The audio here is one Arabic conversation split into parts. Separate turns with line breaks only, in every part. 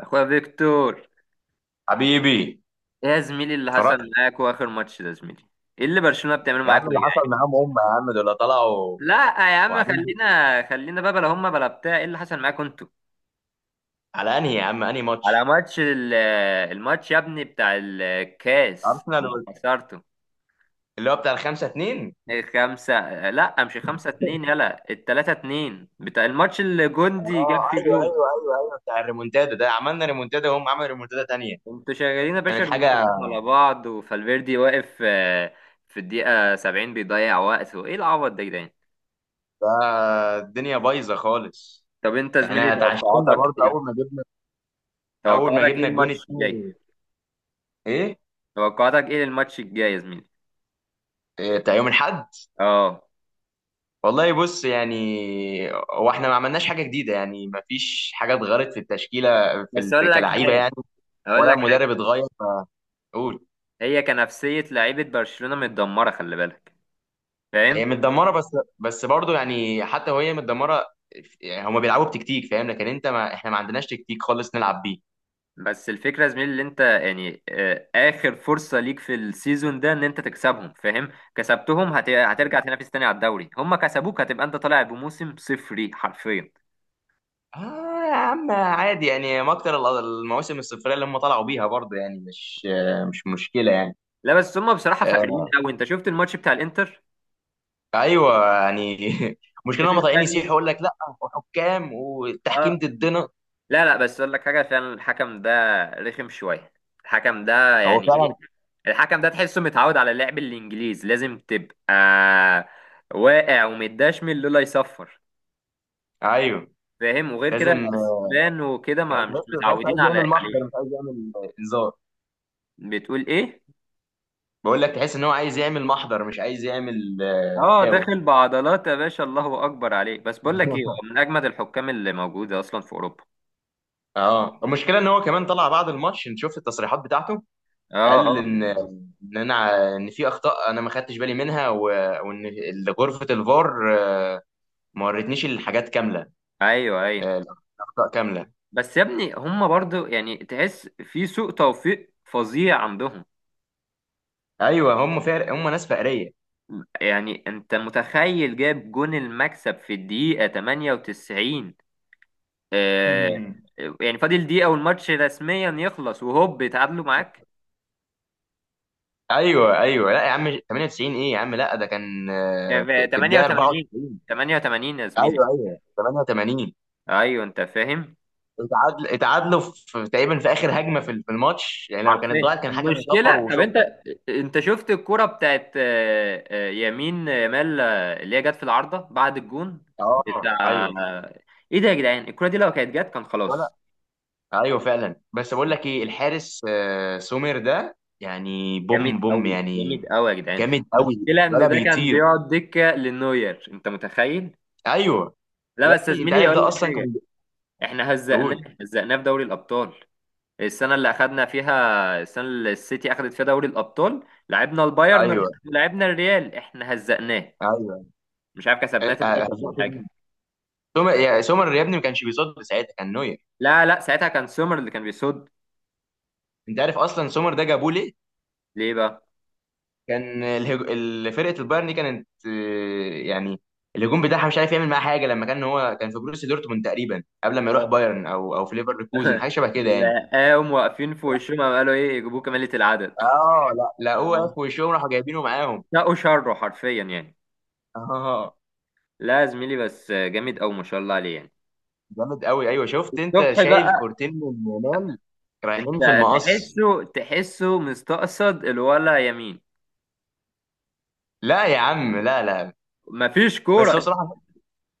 اخويا فيكتور،
حبيبي.
ايه يا زميلي اللي
اتفرجت.
حصل معاكوا اخر ماتش ده يا زميلي؟ ايه اللي برشلونة بتعمله
يا
معاكوا
عم
ده يا
اللي حصل
جدعان؟
معاهم هم يا عم دول طلعوا
لا يا عم
وقاعدين بي-
خلينا بقى بلا هما بلا بتاع، ايه اللي حصل معاكوا انتوا؟
على انهي يا عم انهي
على
ماتش
ماتش الماتش يا ابني بتاع الكاس
ارسنال
لما
وال-
خسرتوا
اللي هو بتاع الخمسة اتنين.
خمسة. لا مش خمسة اتنين، يلا التلاتة اتنين بتاع الماتش اللي جوندي جاب
اه
فيه
ايوه
جون.
ايوه ايوه ايوه بتاع الريمونتادا ده، عملنا ريمونتادا وهم عملوا ريمونتادا تانية،
انتوا شغالين يا باشا
كانت حاجة.
ريمونتادات على بعض وفالفيردي واقف، في الدقيقة 70 بيضيع وقت، وايه العبط ده يا جدعان؟
الدنيا بايظة خالص.
طب انت يا زميلي
احنا اتعشمنا
توقعاتك
برضه اول
ايه؟
ما جبنا، اول ما
توقعاتك ايه
جبنا الجون
الماتش الجاي؟
التاني. ايه؟
توقعاتك ايه الماتش الجاي يا زميلي؟
بتاع يوم الاحد.
اه.
والله بص يعني هو احنا ما عملناش حاجه جديده، يعني ما فيش حاجه اتغيرت في التشكيله،
بس
في
اقول لك
كلاعيبه
حاجه،
يعني،
اقول
ولا
لك
المدرب
حاجه،
اتغير. قول.
هي كنفسيه لعيبه برشلونه متدمره، خلي بالك،
هي
فاهم؟
متدمره بس، بس برضه يعني حتى وهي متدمره، يعني هما بيلعبوا بتكتيك فاهم، لكن انت ما احنا ما عندناش تكتيك خالص نلعب بيه.
بس الفكره يا زميلي اللي انت يعني، اخر فرصه ليك في السيزون ده ان انت تكسبهم، فاهم؟ كسبتهم هترجع تنافس تاني على الدوري، هم كسبوك هتبقى انت طالع بموسم صفري حرفيا.
اه يا عم عادي يعني، ما اكتر ال- المواسم الصفريه اللي هم طلعوا بيها برضه يعني، مش مشكله يعني.
لا بس هم بصراحه فاقرين
آه
قوي. انت شفت الماتش بتاع الانتر؟
ايوه يعني
انت
مشكله هم
شفت
طالعين يسيحوا
يعني؟
يقول لك لا، وحكام والتحكيم
اه.
ضدنا.
لا بس اقول لك حاجه، فعلا الحكم ده رخم شويه. الحكم ده
هو
يعني ايه؟
فعلا.
الحكم ده تحسه متعود على اللعب الانجليز، لازم تبقى واقع ومتدشمل لولا يصفر،
ايوه
فاهم؟ وغير كده
لازم.
الاسبان وكده ما مش
تحس
متعودين
عايز
على
يعمل محضر مش
عليه.
عايز يعمل انذار.
بتقول ايه؟
بقول لك تحس ان هو عايز يعمل محضر مش عايز يعمل،
اه
فاول.
داخل بعضلات يا باشا، الله اكبر عليك. بس بقول لك ايه، هو من اجمد الحكام اللي موجوده اصلا في اوروبا.
اه المشكله ان هو كمان طلع بعد الماتش، انت شفت التصريحات بتاعته؟
اه
قال
اه
ان، ان انا ان في اخطاء انا ما خدتش بالي منها و... وان ال- غرفه الفار ما ورتنيش الحاجات كامله،
ايوه.
الاخطاء كامله.
بس يا ابني هم برضو يعني تحس في سوء توفيق فظيع عندهم.
ايوه هم فارق، هم ناس فقريه.
يعني انت متخيل جاب جون المكسب في الدقيقة 98؟ آه. يعني فاضل دقيقة والماتش رسميا يخلص، وهوب اتعادلوا معاك.
ايوه ايوه، لا يا عم 98 ايه يا عم؟ لا ده كان في الدقيقه
88،
94.
88 يا زميلي.
ايوه ايوه 88.
ايوه انت فاهم.
اتعادل، اتعادلوا في تقريبا في اخر هجمه في الماتش يعني، لو كانت
عارفين
ضاعت كان حكم صفر
المشكلة؟ طب انت،
وشكرا.
انت شفت الكرة بتاعت، يمين يامال، اللي هي جت في العارضة بعد الجون
اه
بتاع؟
ايوه،
ايه ده يا جدعان، الكرة دي لو كانت جت كان خلاص.
ولا. ايوه فعلا بس بقول لك ايه، الحارس سومير ده يعني
جامد
بوم بوم
قوي،
يعني،
جامد قوي يا جدعان.
جامد قوي،
المشكلة إن
ولا
ده كان
بيطير.
بيقعد دكة للنوير، أنت متخيل؟
ايوه. يا
لا بس يا
ابني انت
زميلي
عارف
أقول
ده
لك
اصلا
حاجة،
كان
إحنا هزقناه
بيقول.
هزقناه في دوري الأبطال السنة اللي أخدنا فيها، السنة اللي السيتي أخدت فيها دوري الأبطال، لعبنا البايرن
ايوه
لعبنا الريال إحنا هزقناه.
ايوه.
مش عارف كسبناه تلاتة
هزقت
ولا حاجة.
مين؟ سومر؟ يا سومر يا ابني ما كانش بيصد ساعتها، كان نوير.
لا لا ساعتها كان سومر اللي كان بيصد.
انت عارف اصلا سومر ده جابوه ليه؟
ليه بقى؟
كان الهج... ال- فرقه البايرن دي كانت يعني الهجوم بتاعها مش عارف يعمل معاها حاجه، لما كان هو كان في بروسيا دورتموند تقريبا قبل ما يروح بايرن، او في ليفركوزن، حاجه شبه كده يعني.
لا قاموا واقفين في وشهم، قام قالوا إيه، يجيبوه كمالة العدد.
اه لا لقوه
اه.
في وشهم راحوا جايبينه معاهم.
ساقوا شره حرفيا يعني.
اه
لا يا زميلي بس جامد أوي ما شاء الله عليه يعني.
جامد قوي. ايوه شفت انت
صبحي
شايل
بقى.
كورتين من يامال رايحين
انت
في المقص.
تحسه مستقصد الولا يمين؟
لا يا عم، لا لا.
مفيش
بس هو
كوره.
بصراحه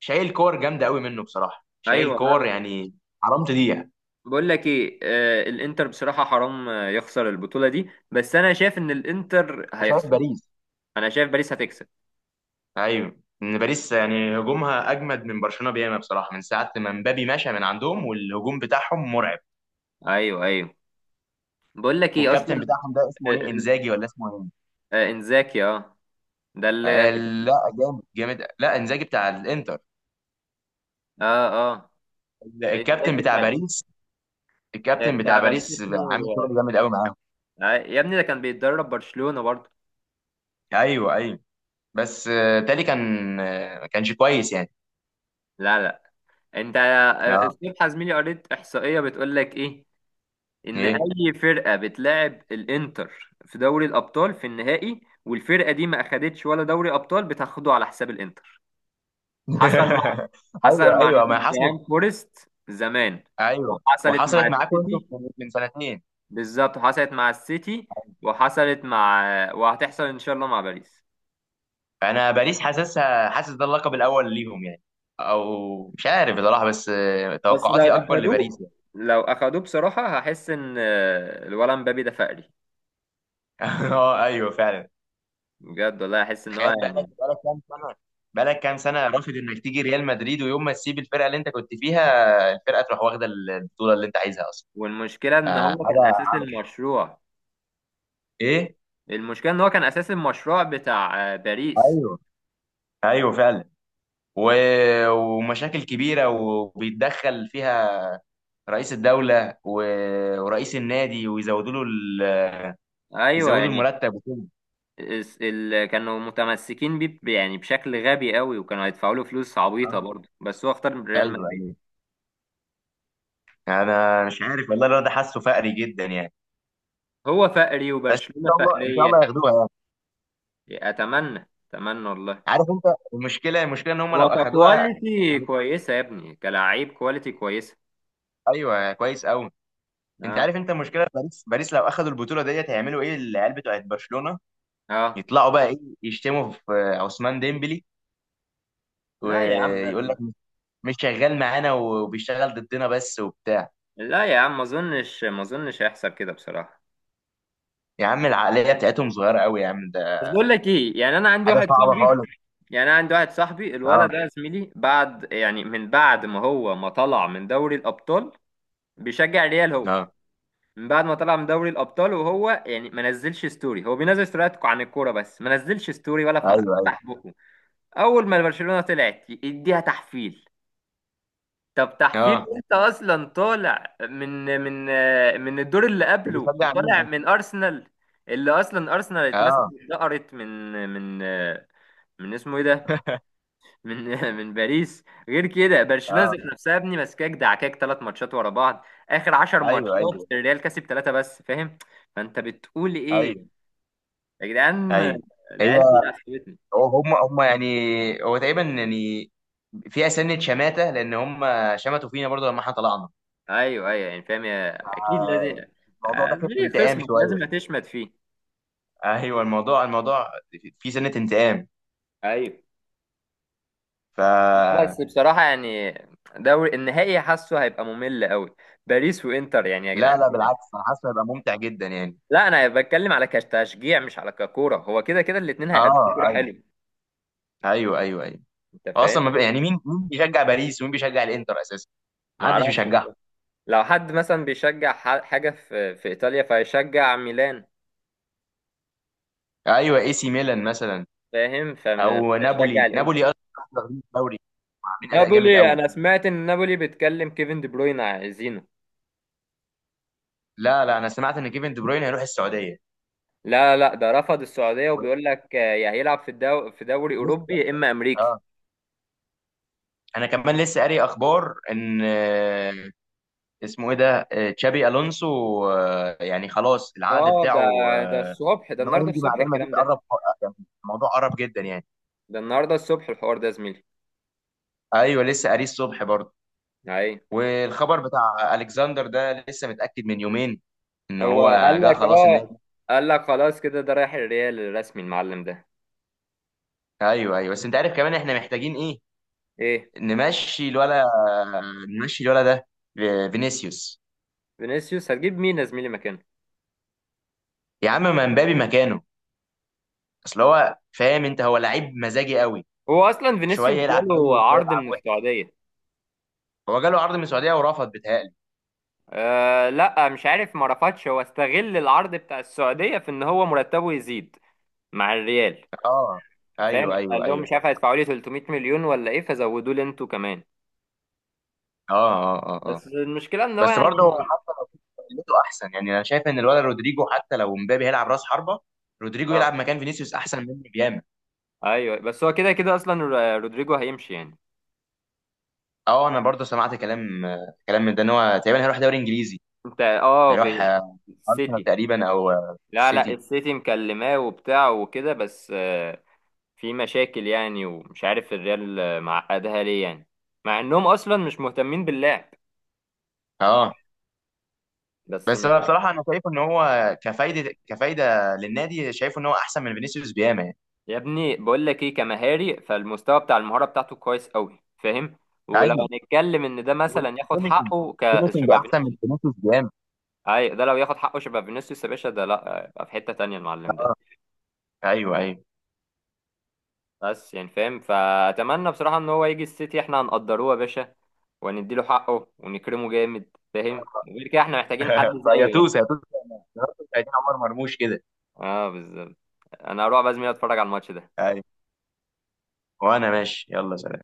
شايل كور جامده قوي منه، بصراحه
ايوه،
شايل
لا
كور
لا.
يعني، حرام تضيع.
بقول لك ايه، آه الانتر بصراحه حرام، يخسر البطوله دي، بس انا شايف ان الانتر
أنت شايف
هيخسر.
باريس؟
انا شايف باريس هتكسب.
ايوه، ان باريس يعني هجومها اجمد من برشلونه بياما بصراحه، من ساعه ما مبابي مشى من عندهم والهجوم بتاعهم مرعب.
ايوه ايوه، بقول لك ايه
والكابتن
اصلا،
بتاعهم ده اسمه
آه
ايه،
آه
انزاجي ولا اسمه ايه؟
انزاكي. اه ده اللي،
لا. جامد لا، انزاجي بتاع الانتر.
اه اه
الكابتن
انزاكي
بتاع
بتاع الانتر،
باريس. الكابتن بتاع
بتاع باريس
باريس
اسمه.
عامل شغل جامد قوي معاهم.
آه يا ابني ده كان بيتدرب برشلونه برضه.
ايوه ايوه، بس تالي كان ما كانش كويس يعني.
لا لا. انت
اه
الصبح يا زميلي قريت احصائيه بتقول لك ايه، ان
ايه.
اي فرقه بتلاعب الانتر في دوري الابطال في النهائي والفرقه دي ما اخدتش ولا دوري ابطال بتاخده على حساب الانتر. حصل مع حصل
ايوه
مع
ايوه ما حصلت.
نوتنجهام فورست زمان،
ايوه
وحصلت مع
وحصلت معاكم انتوا
السيتي.
من سنتين.
بالظبط حصلت مع السيتي، وحصلت مع، وهتحصل ان شاء الله مع باريس.
انا باريس حاسسها، حاسس ده اللقب الاول ليهم يعني، او مش عارف بصراحه، بس
بس لو
توقعاتي اكبر لباريس
اخدوه
يعني.
لو اخدوه بصراحه هحس ان، الولد مبابي ده فقري
اه ايوه فعلا.
بجد، والله احس ان هو
تخيل، بقالك
يعني.
بقالك كام سنه، بقالك كام سنه رافض انك تيجي ريال مدريد، ويوم ما تسيب الفرقه اللي انت كنت فيها، الفرقه تروح واخده البطوله اللي انت عايزها اصلا.
والمشكله ان هو كان
حاجه.
اساس المشروع،
ايه.
المشكله ان هو كان اساس المشروع بتاع باريس.
ايوه ايوه فعلا. و... ومشاكل كبيره وبيتدخل فيها رئيس الدوله و... ورئيس النادي، ويزودوا له ال...
ايوه
يزودوا
يعني.
المرتب وكده.
كانوا متمسكين بيه يعني بشكل غبي قوي، وكانوا هيدفعوا له فلوس عبيطه
اه
برضه، بس هو اختار ريال مدريد.
ايوه يعني، انا مش عارف والله، الواد ده حاسه فقري جدا يعني.
هو فقري
بس ان
وبرشلونه
شاء الله، ان شاء الله
فقريه.
ياخدوها يعني.
اتمنى، اتمنى والله.
عارف انت المشكله، المشكله ان هم لو
هو
اخدوها.
ككواليتي كويسه يا ابني، كلاعب كواليتي كويسه.
ايوه كويس قوي. انت
اه
عارف انت المشكله، باريس، باريس لو اخدوا البطوله ديت هيعملوا ايه العيال بتوعت برشلونه؟
اه.
يطلعوا بقى ايه؟ يشتموا في عثمان ديمبلي
لا يا عم لا
ويقول لك
لا،
مش شغال معانا وبيشتغل ضدنا بس وبتاع.
لا يا عم ما اظنش، ما اظنش هيحصل كده بصراحه.
يا عم العقليه بتاعتهم صغيره قوي يا عم، ده
بس بقول لك ايه، يعني انا عندي
حاجه
واحد
صعبه
صاحبي،
خالص.
يعني انا عندي واحد صاحبي، الولد
اه
ده يا زميلي بعد يعني من بعد ما هو ما طلع من دوري الابطال بيشجع ريال. هو
اه
من بعد ما طلع من دوري الابطال وهو يعني ما نزلش ستوري، هو بينزل ستوريات عن الكوره بس ما نزلش ستوري ولا
ايوه ايوه.
فتح بقه. اول ما برشلونه طلعت يديها تحفيل. طب تحفيل
اه
انت اصلا طالع من الدور اللي قبله
بيشجع مين
وطالع
ده؟
من ارسنال، اللي اصلا ارسنال اتمسكت
اه
اتدقرت من من اسمه ايه ده، من من باريس. غير كده برشلونه
اه
ذات نفسها يا ابني ماسكاك دعكاك 3 ماتشات ورا بعض، اخر 10
ايوه
ماتشات
ايوه
الريال كسب 3 بس، فاهم؟ فانت بتقول ايه
ايوه
يا جدعان؟
ايوه. هي،
العيال دي عصبتني.
هم يعني هو تقريبا يعني فيها سنه شماته لان هم شمتوا فينا برضو لما احنا طلعنا.
ايوه ايوه يعني فاهم يا، اكيد لازم،
الموضوع داخل في
ليه
انتقام
خصمك
شويه.
لازم هتشمت فيه.
ايوه الموضوع، الموضوع فيه سنه انتقام.
ايوه.
ف،
لا بس بصراحه يعني دوري النهائي حاسه هيبقى ممل قوي، باريس وانتر يعني يا
لا
جدعان
لا
إيه ده؟
بالعكس، انا حاسس هيبقى ممتع جدا يعني.
لا انا بتكلم على كتشجيع مش على ككوره، هو كده كده الاثنين هيقدموا
اه
كوره
ايوه
حلو،
ايوه ايوه ايوه.
انت
اصلا
فاهم؟
ما بقى- يعني مين بيشجع باريس، ومين بيشجع الانتر اساسا؟
ما
محدش
اعرفش.
بيشجعها.
لو حد مثلا بيشجع حاجة في في إيطاليا فيشجع ميلان،
ايوه، اي سي ميلان مثلا.
فاهم؟ فمش
او
هيشجع
نابولي،
الانتر.
نابولي اصلا واخدين الدوري، عاملين اداء جامد
نابولي،
قوي.
انا سمعت ان نابولي بيتكلم كيفن دي بروين عايزينه.
لا لا، انا سمعت ان كيفن دي بروين هيروح السعوديه.
لا لا ده رفض السعودية وبيقول لك، يا هيلعب في في دوري أوروبي
لسه.
يا إما أمريكي.
اه انا كمان لسه قاري اخبار ان اسمه ايه ده، تشابي الونسو، يعني خلاص العقد
اه ده،
بتاعه
ده الصبح، ده
ان هو
النهارده
يمضي مع
الصبح
ريال مدريد
الكلام ده،
قرب يعني، الموضوع قرب جدا يعني.
ده النهارده الصبح الحوار ده يا زميلي.
ايوه لسه قاريه الصبح برضه.
اي.
والخبر بتاع الكسندر ده لسه متاكد من يومين ان
هو
هو
قال
جه
لك
خلاص
اه،
النادي.
قال لك خلاص كده ده رايح الريال الرسمي المعلم ده.
ايوه ايوه بس انت عارف كمان احنا محتاجين ايه؟
ايه.
نمشي الولا، نمشي الولا ده، فينيسيوس.
فينيسيوس هتجيب مين يا زميلي مكانه؟
يا عم ما مبابي مكانه، اصل هو فاهم انت، هو لعيب مزاجي قوي،
هو اصلا فينيسيوس
شويه يلعب حلو
جاله
وشويه
عرض
يلعب
من
وحش.
السعوديه.
هو جاله عرض من السعوديه ورفض بيتهيألي.
أه لا مش عارف، ما رفضش، هو استغل العرض بتاع السعوديه في ان هو مرتبه يزيد مع الريال.
اه
فاهم؟
ايوه
قال
ايوه
لهم
ايوه
مش
صح.
عارف هيدفعوا لي 300 مليون ولا ايه، فزودوا لي انتوا كمان.
اه اه اه اه.
بس المشكله ان هو
بس برضه
يعني،
هو حتى لو قلته احسن يعني، انا شايف ان الولد رودريجو حتى لو مبابي هيلعب راس حربه، رودريجو
اه
يلعب مكان فينيسيوس احسن منه بياما.
ايوه بس هو كده كده اصلا، رودريجو هيمشي يعني.
اه انا برضه سمعت كلام، كلام من ده ان هو تقريبا هيروح دوري انجليزي.
انت اه
هيروح ارسنال
السيتي.
تقريبا، او
لا لا
سيتي.
السيتي مكلماه وبتاع وكده، بس في مشاكل يعني، ومش عارف الريال معقدها ليه يعني، مع انهم اصلا مش مهتمين باللعب.
اه
بس
بس
مش
انا
عارف.
بصراحه انا شايف ان هو كفايده، كفايده للنادي، شايف ان هو احسن من فينيسيوس بياما يعني.
يا ابني بقول لك ايه، كمهاري فالمستوى بتاع المهارة بتاعته كويس قوي، فاهم؟ ولو
ايوه
هنتكلم ان ده مثلا ياخد
والفينشنج،
حقه ك
فينشنج
شبه
احسن من
فينيسيوس،
فينيسيوس جامد.
اي ده لو ياخد حقه شبه فينيسيوس يا باشا ده لا يبقى في حتة تانية المعلم ده.
اه ايوه ايوه.
بس يعني فاهم، فاتمنى بصراحة ان هو يجي السيتي احنا هنقدروه يا باشا، ونديله حقه ونكرمه جامد، فاهم؟ وغير كده احنا محتاجين حد
فيا
زيه يعني.
توس، يا توس عايزين عمر مرموش كده.
اه بالظبط. انا هروح باذن الله اتفرج على الماتش ده.
ايوه. وانا ماشي يلا سلام.